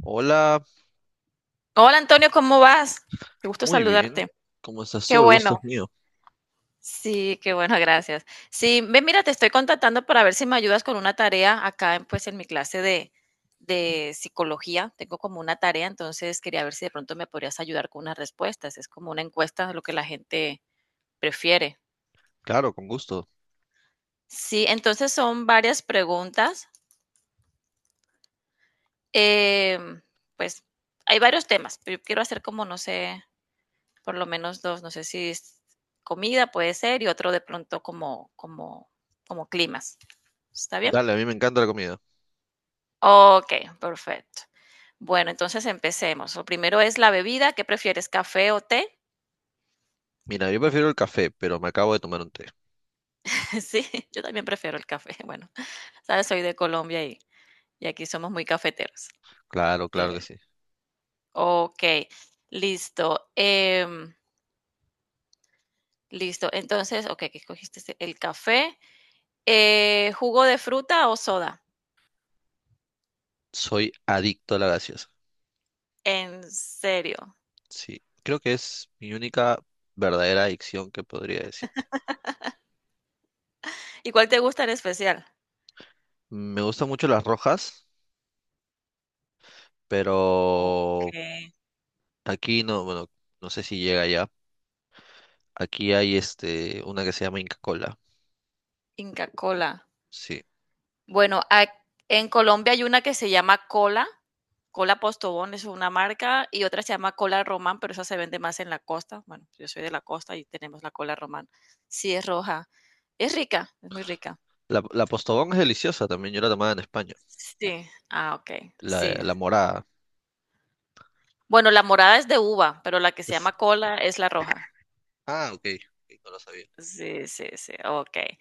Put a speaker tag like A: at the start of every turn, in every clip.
A: Hola,
B: Hola Antonio, ¿cómo vas? Qué gusto
A: muy bien.
B: saludarte.
A: ¿Cómo estás
B: Qué
A: tú? El gusto
B: bueno.
A: es mío.
B: Sí, qué bueno, gracias. Sí, ve, mira, te estoy contactando para ver si me ayudas con una tarea acá, pues, en mi clase de psicología. Tengo como una tarea, entonces quería ver si de pronto me podrías ayudar con unas respuestas. Es como una encuesta de lo que la gente prefiere.
A: Claro, con gusto.
B: Sí, entonces son varias preguntas. em, pues hay varios temas, pero yo quiero hacer como, no sé, por lo menos dos, no sé si es comida puede ser y otro de pronto como climas. ¿Está bien?
A: Dale, a mí me encanta la comida.
B: Ok, perfecto. Bueno, entonces empecemos. Lo primero es la bebida. ¿Qué prefieres, café o té?
A: Mira, yo prefiero el café, pero me acabo de tomar un té.
B: Sí, yo también prefiero el café. Bueno, sabes, soy de Colombia y aquí somos muy cafeteros.
A: Claro,
B: Qué
A: claro que
B: bien.
A: sí.
B: Ok, listo. Listo. Entonces, ok, ¿qué escogiste? El café. ¿Jugo de fruta o soda?
A: Soy adicto a la gaseosa.
B: ¿En serio?
A: Sí, creo que es mi única verdadera adicción que podría decirte.
B: ¿Y cuál te gusta en especial?
A: Me gustan mucho las rojas, pero
B: Okey.
A: aquí no, bueno, no sé si llega ya. Aquí hay este, una que se llama Inca Kola.
B: Inca Kola.
A: Sí.
B: Bueno, ac en Colombia hay una que se llama Cola, Cola Postobón es una marca, y otra se llama Cola Román, pero esa se vende más en la costa. Bueno, yo soy de la costa y tenemos la Cola Román. Sí, es roja. Es rica, es muy rica.
A: La Postobón es deliciosa también, yo la tomaba en España.
B: Sí. Ah, okey.
A: La,
B: Sí.
A: la morada.
B: Bueno, la morada es de uva, pero la que se llama Cola es la roja.
A: Ah, ok, ok, no lo sabía.
B: Sí, sí, sí, okey.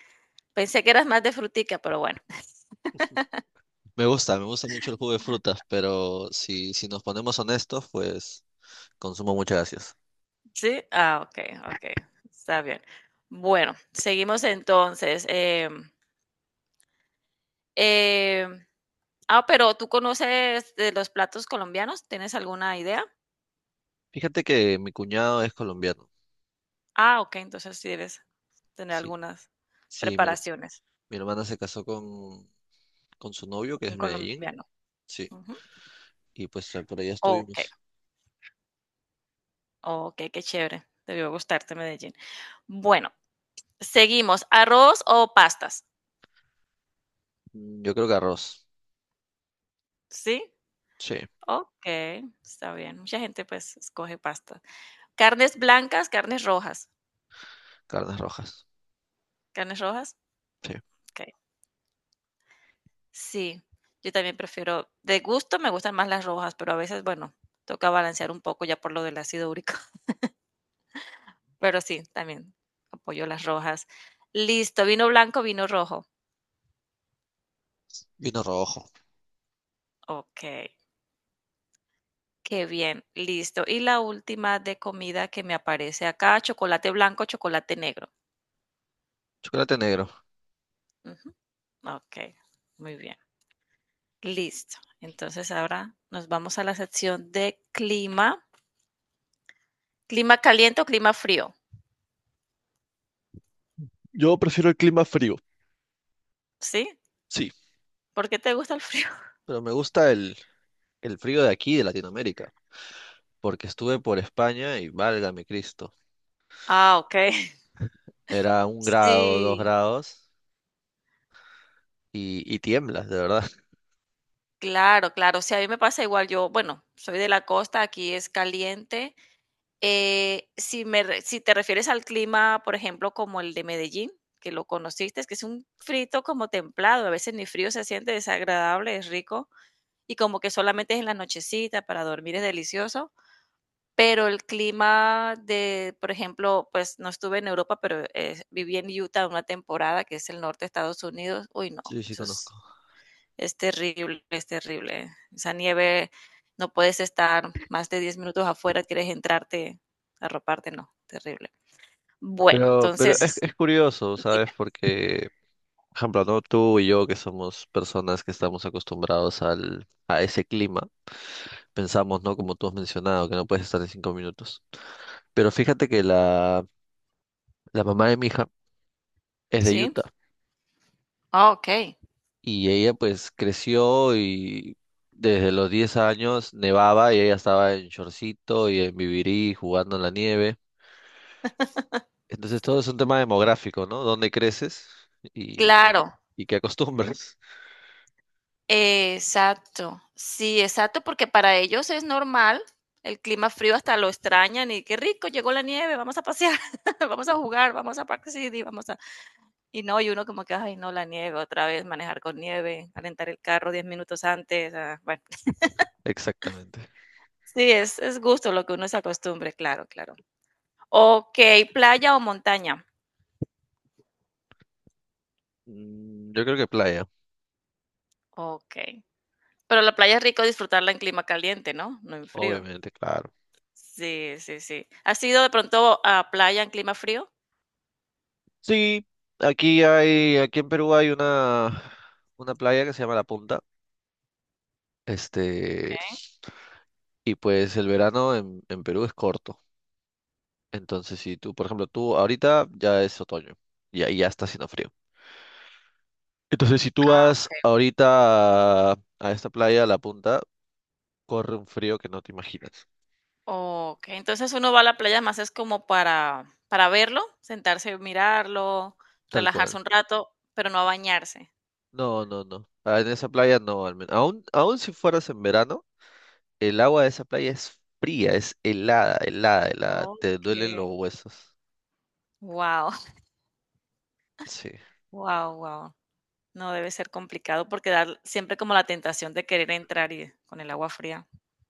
B: Pensé que eras más de frutica, pero bueno.
A: Me gusta mucho el jugo de frutas, pero si nos ponemos honestos, pues consumo muchas gracias.
B: Sí, ah, okey, okey, está bien. Bueno, seguimos entonces, em, ah, pero ¿tú conoces de los platos colombianos? ¿Tienes alguna idea?
A: Fíjate que mi cuñado es colombiano.
B: Ah, okey, entonces sí debes tener
A: Sí,
B: algunas
A: sí,
B: preparaciones,
A: mi hermana se casó con su novio, que es
B: un
A: de Medellín.
B: colombiano.
A: Sí,
B: Ujú.
A: y pues por allá
B: Okey,
A: estuvimos.
B: okey, qué chévere, debió gustarte Medellín. Bueno, seguimos, ¿arroz o pastas?
A: Yo creo que arroz.
B: ¿Sí?
A: Sí,
B: Okey, está bien. Mucha gente, pues, escoge pasta. ¿Carnes blancas, carnes rojas?
A: carnes rojas.
B: ¿Carnes rojas?
A: Sí,
B: Okey. Sí, yo también prefiero de gusto, me gustan más las rojas, pero a veces, bueno, toca balancear un poco ya por lo del ácido úrico. Pero sí, también apoyo las rojas. Listo, vino blanco, vino rojo.
A: vino rojo,
B: Okey, qué bien, listo. Y la última de comida que me aparece acá, chocolate blanco, chocolate negro.
A: chocolate negro.
B: Ujú, okey, muy bien, listo. Entonces ahora nos vamos a la sección de clima, ¿clima caliente o clima frío?
A: Yo prefiero el clima frío.
B: ¿Sí?
A: Sí.
B: ¿Por qué te gusta el frío?
A: Pero me gusta el frío de aquí, de Latinoamérica, porque estuve por España y válgame Cristo.
B: Ah, okey.
A: Era un grado, dos
B: Sí,
A: grados y tiemblas, de verdad.
B: claro, claro. Sí, a mí me pasa igual. Yo, bueno, soy de la costa, aquí es caliente. Si me re Si te refieres al clima, por ejemplo, como el de Medellín, que lo conociste, es que es un frito como templado, a veces ni frío se siente, desagradable, es rico, y como que solamente es en la nochecita, para dormir es delicioso, pero el clima de, por ejemplo, pues, no estuve en Europa, pero, viví en Utah una temporada, que es el norte de Estados Unidos. Uy, no,
A: Sí, sí
B: eso
A: conozco.
B: es. Es terrible, es terrible. Esa nieve, no puedes estar más de 10 minutos, quieres entrarte, arroparte, no, terrible. Bueno,
A: Pero
B: entonces,
A: es curioso, ¿sabes? Porque, por ejemplo, ¿no? Tú y yo, que somos personas que estamos acostumbrados a ese clima, pensamos, ¿no? Como tú has mencionado, que no puedes estar en 5 minutos. Pero fíjate que la mamá de mi hija es de
B: ¿sí? Sí.
A: Utah
B: Ah, ok,
A: y ella pues creció y desde los 10 años nevaba y ella estaba en shortcito y en vivirí jugando en la nieve. Entonces todo es un tema demográfico, ¿no? ¿Dónde creces y,
B: claro,
A: y qué acostumbras?
B: exacto. Sí, exacto, porque para ellos es normal el clima frío, hasta lo extrañan y qué rico, llegó la nieve, vamos a pasear, vamos a jugar, vamos a Park City, vamos a... Y no, y uno como que, ay, no, la nieve, otra vez manejar con nieve, calentar el carro 10 minutos, ah, bueno.
A: Exactamente.
B: Sí, es gusto lo que uno se acostumbre, claro, claro. Okey, ¿playa o montaña?
A: Yo creo que playa,
B: Okey. Pero la playa es rico disfrutarla en clima caliente, ¿no? No en frío.
A: obviamente, claro.
B: Sí, sí, sí. ¿Has ido de pronto a playa en clima frío?
A: Sí, aquí hay, aquí en Perú hay una playa que se llama La Punta. Este,
B: Okey,
A: y pues el verano en Perú es corto. Entonces, si tú, por ejemplo, tú ahorita ya es otoño y ahí ya está haciendo frío. Entonces, si tú vas
B: okey.
A: ahorita a esta playa, a La Punta, corre un frío que no te imaginas.
B: Okey, entonces uno va a la playa más es como para verlo, sentarse, mirarlo,
A: Tal
B: relajarse
A: cual.
B: un rato, pero no a bañarse.
A: No, no, no. Ah, en esa playa no, al menos. Aún, aún si fueras en verano, el agua de esa playa es fría, es helada, helada, helada. Te duelen
B: Okey.
A: los huesos.
B: Wow.
A: Sí.
B: Wow, wow. No debe ser complicado porque dar siempre como la tentación de querer entrar y con el agua fría.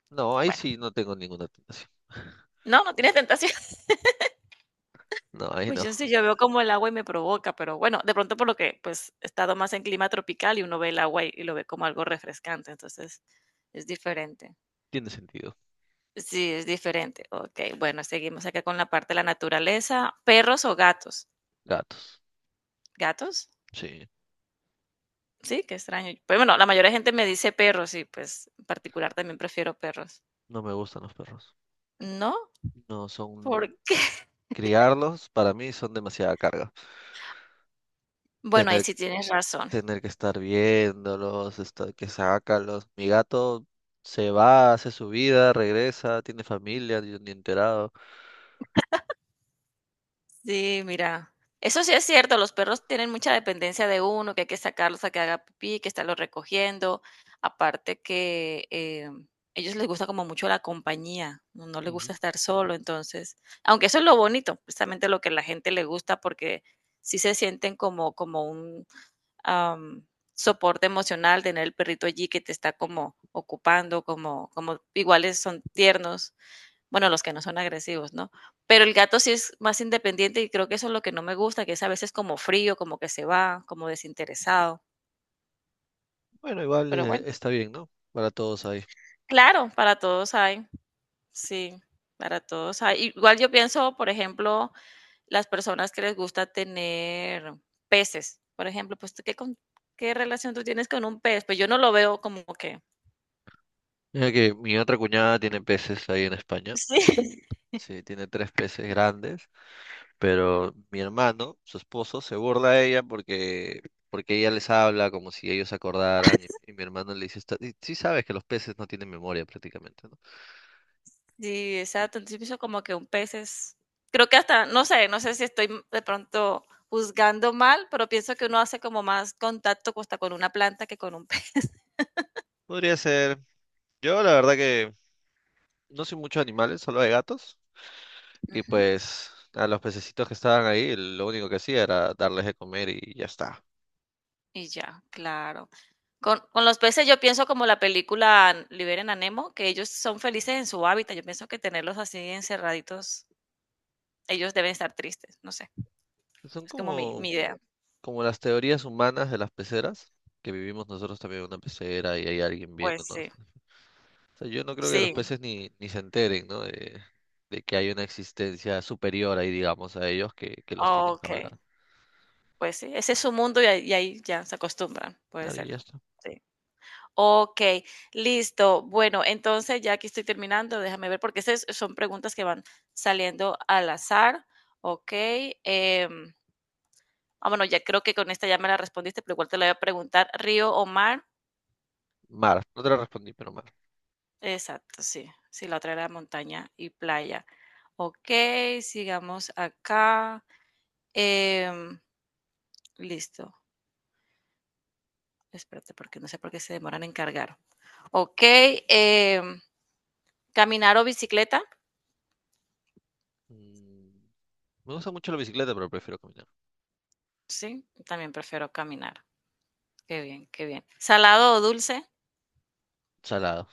A: No, ahí
B: Bueno,
A: sí no tengo ninguna tentación.
B: no, no tienes tentación.
A: No, ahí
B: Pues
A: no.
B: yo sí, yo veo como el agua y me provoca, pero bueno, de pronto por lo que pues he estado más en clima tropical y uno ve el agua y lo ve como algo refrescante, entonces es diferente.
A: Tiene sentido.
B: Sí, es diferente. Ok, bueno, seguimos acá con la parte de la naturaleza. ¿Perros o gatos?
A: Gatos.
B: ¿Gatos?
A: Sí.
B: Sí, qué extraño. Pues bueno, la mayoría de gente me dice perros y pues en particular también prefiero perros.
A: No me gustan los perros.
B: ¿No?
A: No
B: ¿Por
A: son...
B: qué?
A: Criarlos para mí son demasiada carga.
B: Bueno, ahí
A: Tener,
B: sí tienes razón.
A: tener que estar viéndolos, estar, que sácalos. Mi gato se va, hace su vida, regresa, tiene familia, yo ni enterado.
B: Sí, mira, eso sí es cierto, los perros tienen mucha dependencia de uno, que hay que sacarlos a que haga pipí, que estarlos recogiendo, aparte que ellos les gusta como mucho la compañía, no, no les
A: Ujú.
B: gusta estar solo, entonces, aunque eso es lo bonito, precisamente lo que a la gente le gusta, porque sí se sienten como, como un am, soporte emocional, tener el perrito allí que te está como ocupando, como, como iguales son tiernos, bueno, los que no son agresivos, ¿no? Pero el gato sí es más independiente y creo que eso es lo que no me gusta, que es a veces como frío, como que se va, como desinteresado.
A: Bueno, igual
B: Pero bueno,
A: está bien, ¿no? Para todos ahí.
B: claro, para todos hay, sí, para todos hay. Igual yo pienso, por ejemplo, las personas que les gusta tener peces, por ejemplo, pues ¿tú qué, qué relación tú tienes con un pez? Pues yo no lo veo como que...
A: Mira que mi otra cuñada tiene peces ahí en España.
B: Sí.
A: Sí, tiene tres peces grandes, pero mi hermano, su esposo, se burla de ella porque, porque ella les habla como si ellos se acordaran y mi hermano le dice, "Está- y sí sabes que los peces no tienen memoria prácticamente, ¿no?
B: Sí, exacto. Entonces yo pienso como que un pez es, creo que hasta, no sé, no sé si estoy de pronto juzgando mal, pero pienso que uno hace como más contacto hasta con una planta que con un pez.
A: Podría ser. Yo la verdad que no soy mucho de animales, solo de gatos. Y
B: Ujú.
A: pues a los pececitos que estaban ahí, lo único que hacía era darles de comer y ya está.
B: Y ya, claro. Con los peces yo pienso como la película Liberen a Nemo, que ellos son felices en su hábitat. Yo pienso que tenerlos así encerraditos, ellos deben estar tristes, no sé.
A: Son
B: Es como mi,
A: como
B: mi idea.
A: como las teorías humanas de las peceras, que vivimos nosotros también en una pecera y hay alguien
B: Pues sí,
A: viéndonos. O sea, yo no creo que los
B: sí,
A: peces ni se enteren, ¿no? De que hay una existencia superior ahí, digamos, a ellos que los tienen que
B: ok.
A: hablar.
B: Pues sí, ese es su mundo y ahí ya se acostumbran, puede
A: Claro, y
B: ser.
A: ya está.
B: Sí. Ok, listo. Bueno, entonces ya que estoy terminando, déjame ver, porque esas son preguntas que van saliendo al azar. Ok. em, ah, bueno, ya creo que con esta ya me la respondiste, pero igual te la voy a preguntar. ¿Río o mar?
A: Mar, no te lo respondí, pero mar.
B: Exacto, sí. Sí, la otra era montaña y playa. Ok, sigamos acá. Em, Listo. Espérate, porque no sé por qué se demoran en cargar. Ok, em, ¿caminar o bicicleta?
A: Mm, me gusta mucho la bicicleta, pero prefiero caminar.
B: Sí, también prefiero caminar. Qué bien, qué bien. ¿Salado o dulce?
A: Salado,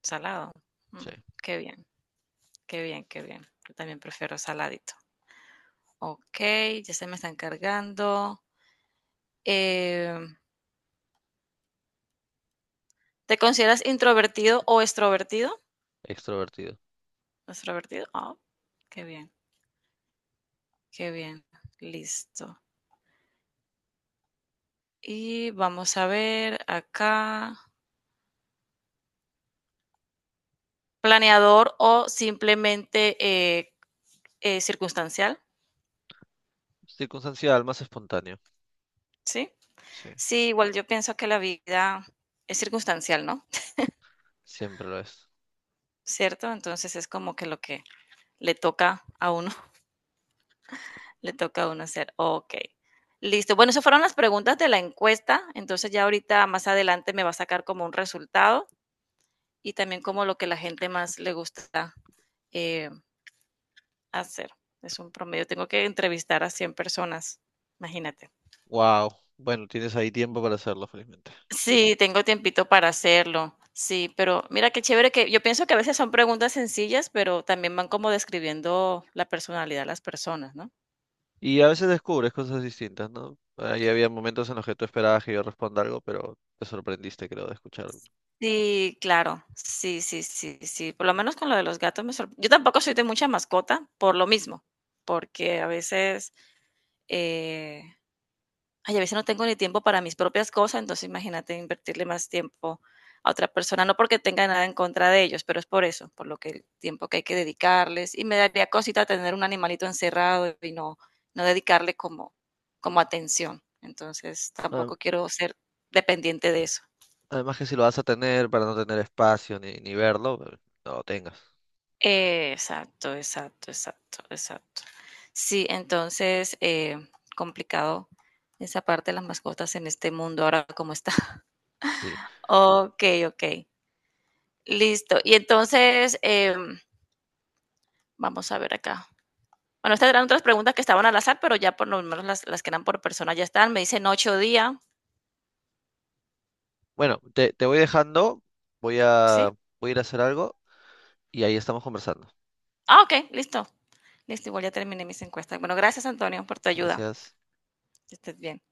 B: Salado.
A: sí.
B: Mm, qué bien, qué bien, qué bien. Yo también prefiero saladito. Ok, ya se me están cargando. Eh, ¿Te consideras introvertido o extrovertido?
A: Extrovertido.
B: Extrovertido. Ah, qué bien, qué bien. Listo. Y vamos a ver acá. Planeador o simplemente circunstancial,
A: Circunstancial, más espontáneo.
B: ¿sí?
A: Sí,
B: Sí, igual yo pienso que la vida es circunstancial, ¿no?
A: siempre lo es.
B: ¿Cierto? Entonces es como que lo que le toca a uno, le toca a uno hacer. Ok, listo. Bueno, esas fueron las preguntas de la encuesta. Entonces ya ahorita más adelante me va a sacar como un resultado y también como lo que la gente más le gusta eh, hacer. Es un promedio. Tengo que entrevistar a 100 personas, imagínate.
A: Wow. Bueno, tienes ahí tiempo para hacerlo, felizmente.
B: Sí, tengo tiempito para hacerlo. Sí, pero mira qué chévere que yo pienso que a veces son preguntas sencillas, pero también van como describiendo la personalidad de las personas, ¿no?
A: Y a veces descubres cosas distintas, ¿no? Ahí había momentos en los que tú esperabas que yo responda algo, pero te sorprendiste, creo, de escucharlo.
B: Sí, claro. Sí, sí, sí, sí. Por lo menos con lo de los gatos me sorprendió. Yo tampoco soy de mucha mascota por lo mismo, porque a veces, eh, ay, a veces no tengo ni tiempo para mis propias cosas, entonces imagínate invertirle más tiempo a otra persona, no porque tenga nada en contra de ellos, pero es por eso, por lo que el tiempo que hay que dedicarles. Y me daría cosita tener un animalito encerrado y no, no dedicarle como, como atención. Entonces
A: Ah,
B: tampoco quiero ser dependiente de eso.
A: además que si lo vas a tener para no tener espacio ni verlo, no lo tengas.
B: Exacto, exacto, exacto, exacto. Sí, entonces, complicado esa parte de las mascotas en este mundo ahora como está.
A: Sí.
B: Ok, ok. Listo. Y entonces, vamos a ver acá. Bueno, estas eran otras preguntas que estaban al azar, pero ya por lo menos las que eran por persona ya están. Me dicen 8 días.
A: Bueno, te voy dejando, voy
B: ¿Sí?
A: a, voy a ir a hacer algo y ahí estamos conversando.
B: Ah, ok, listo. Listo, igual ya terminé mis encuestas. Bueno, gracias Antonio por tu ayuda.
A: Gracias.
B: Que estés bien.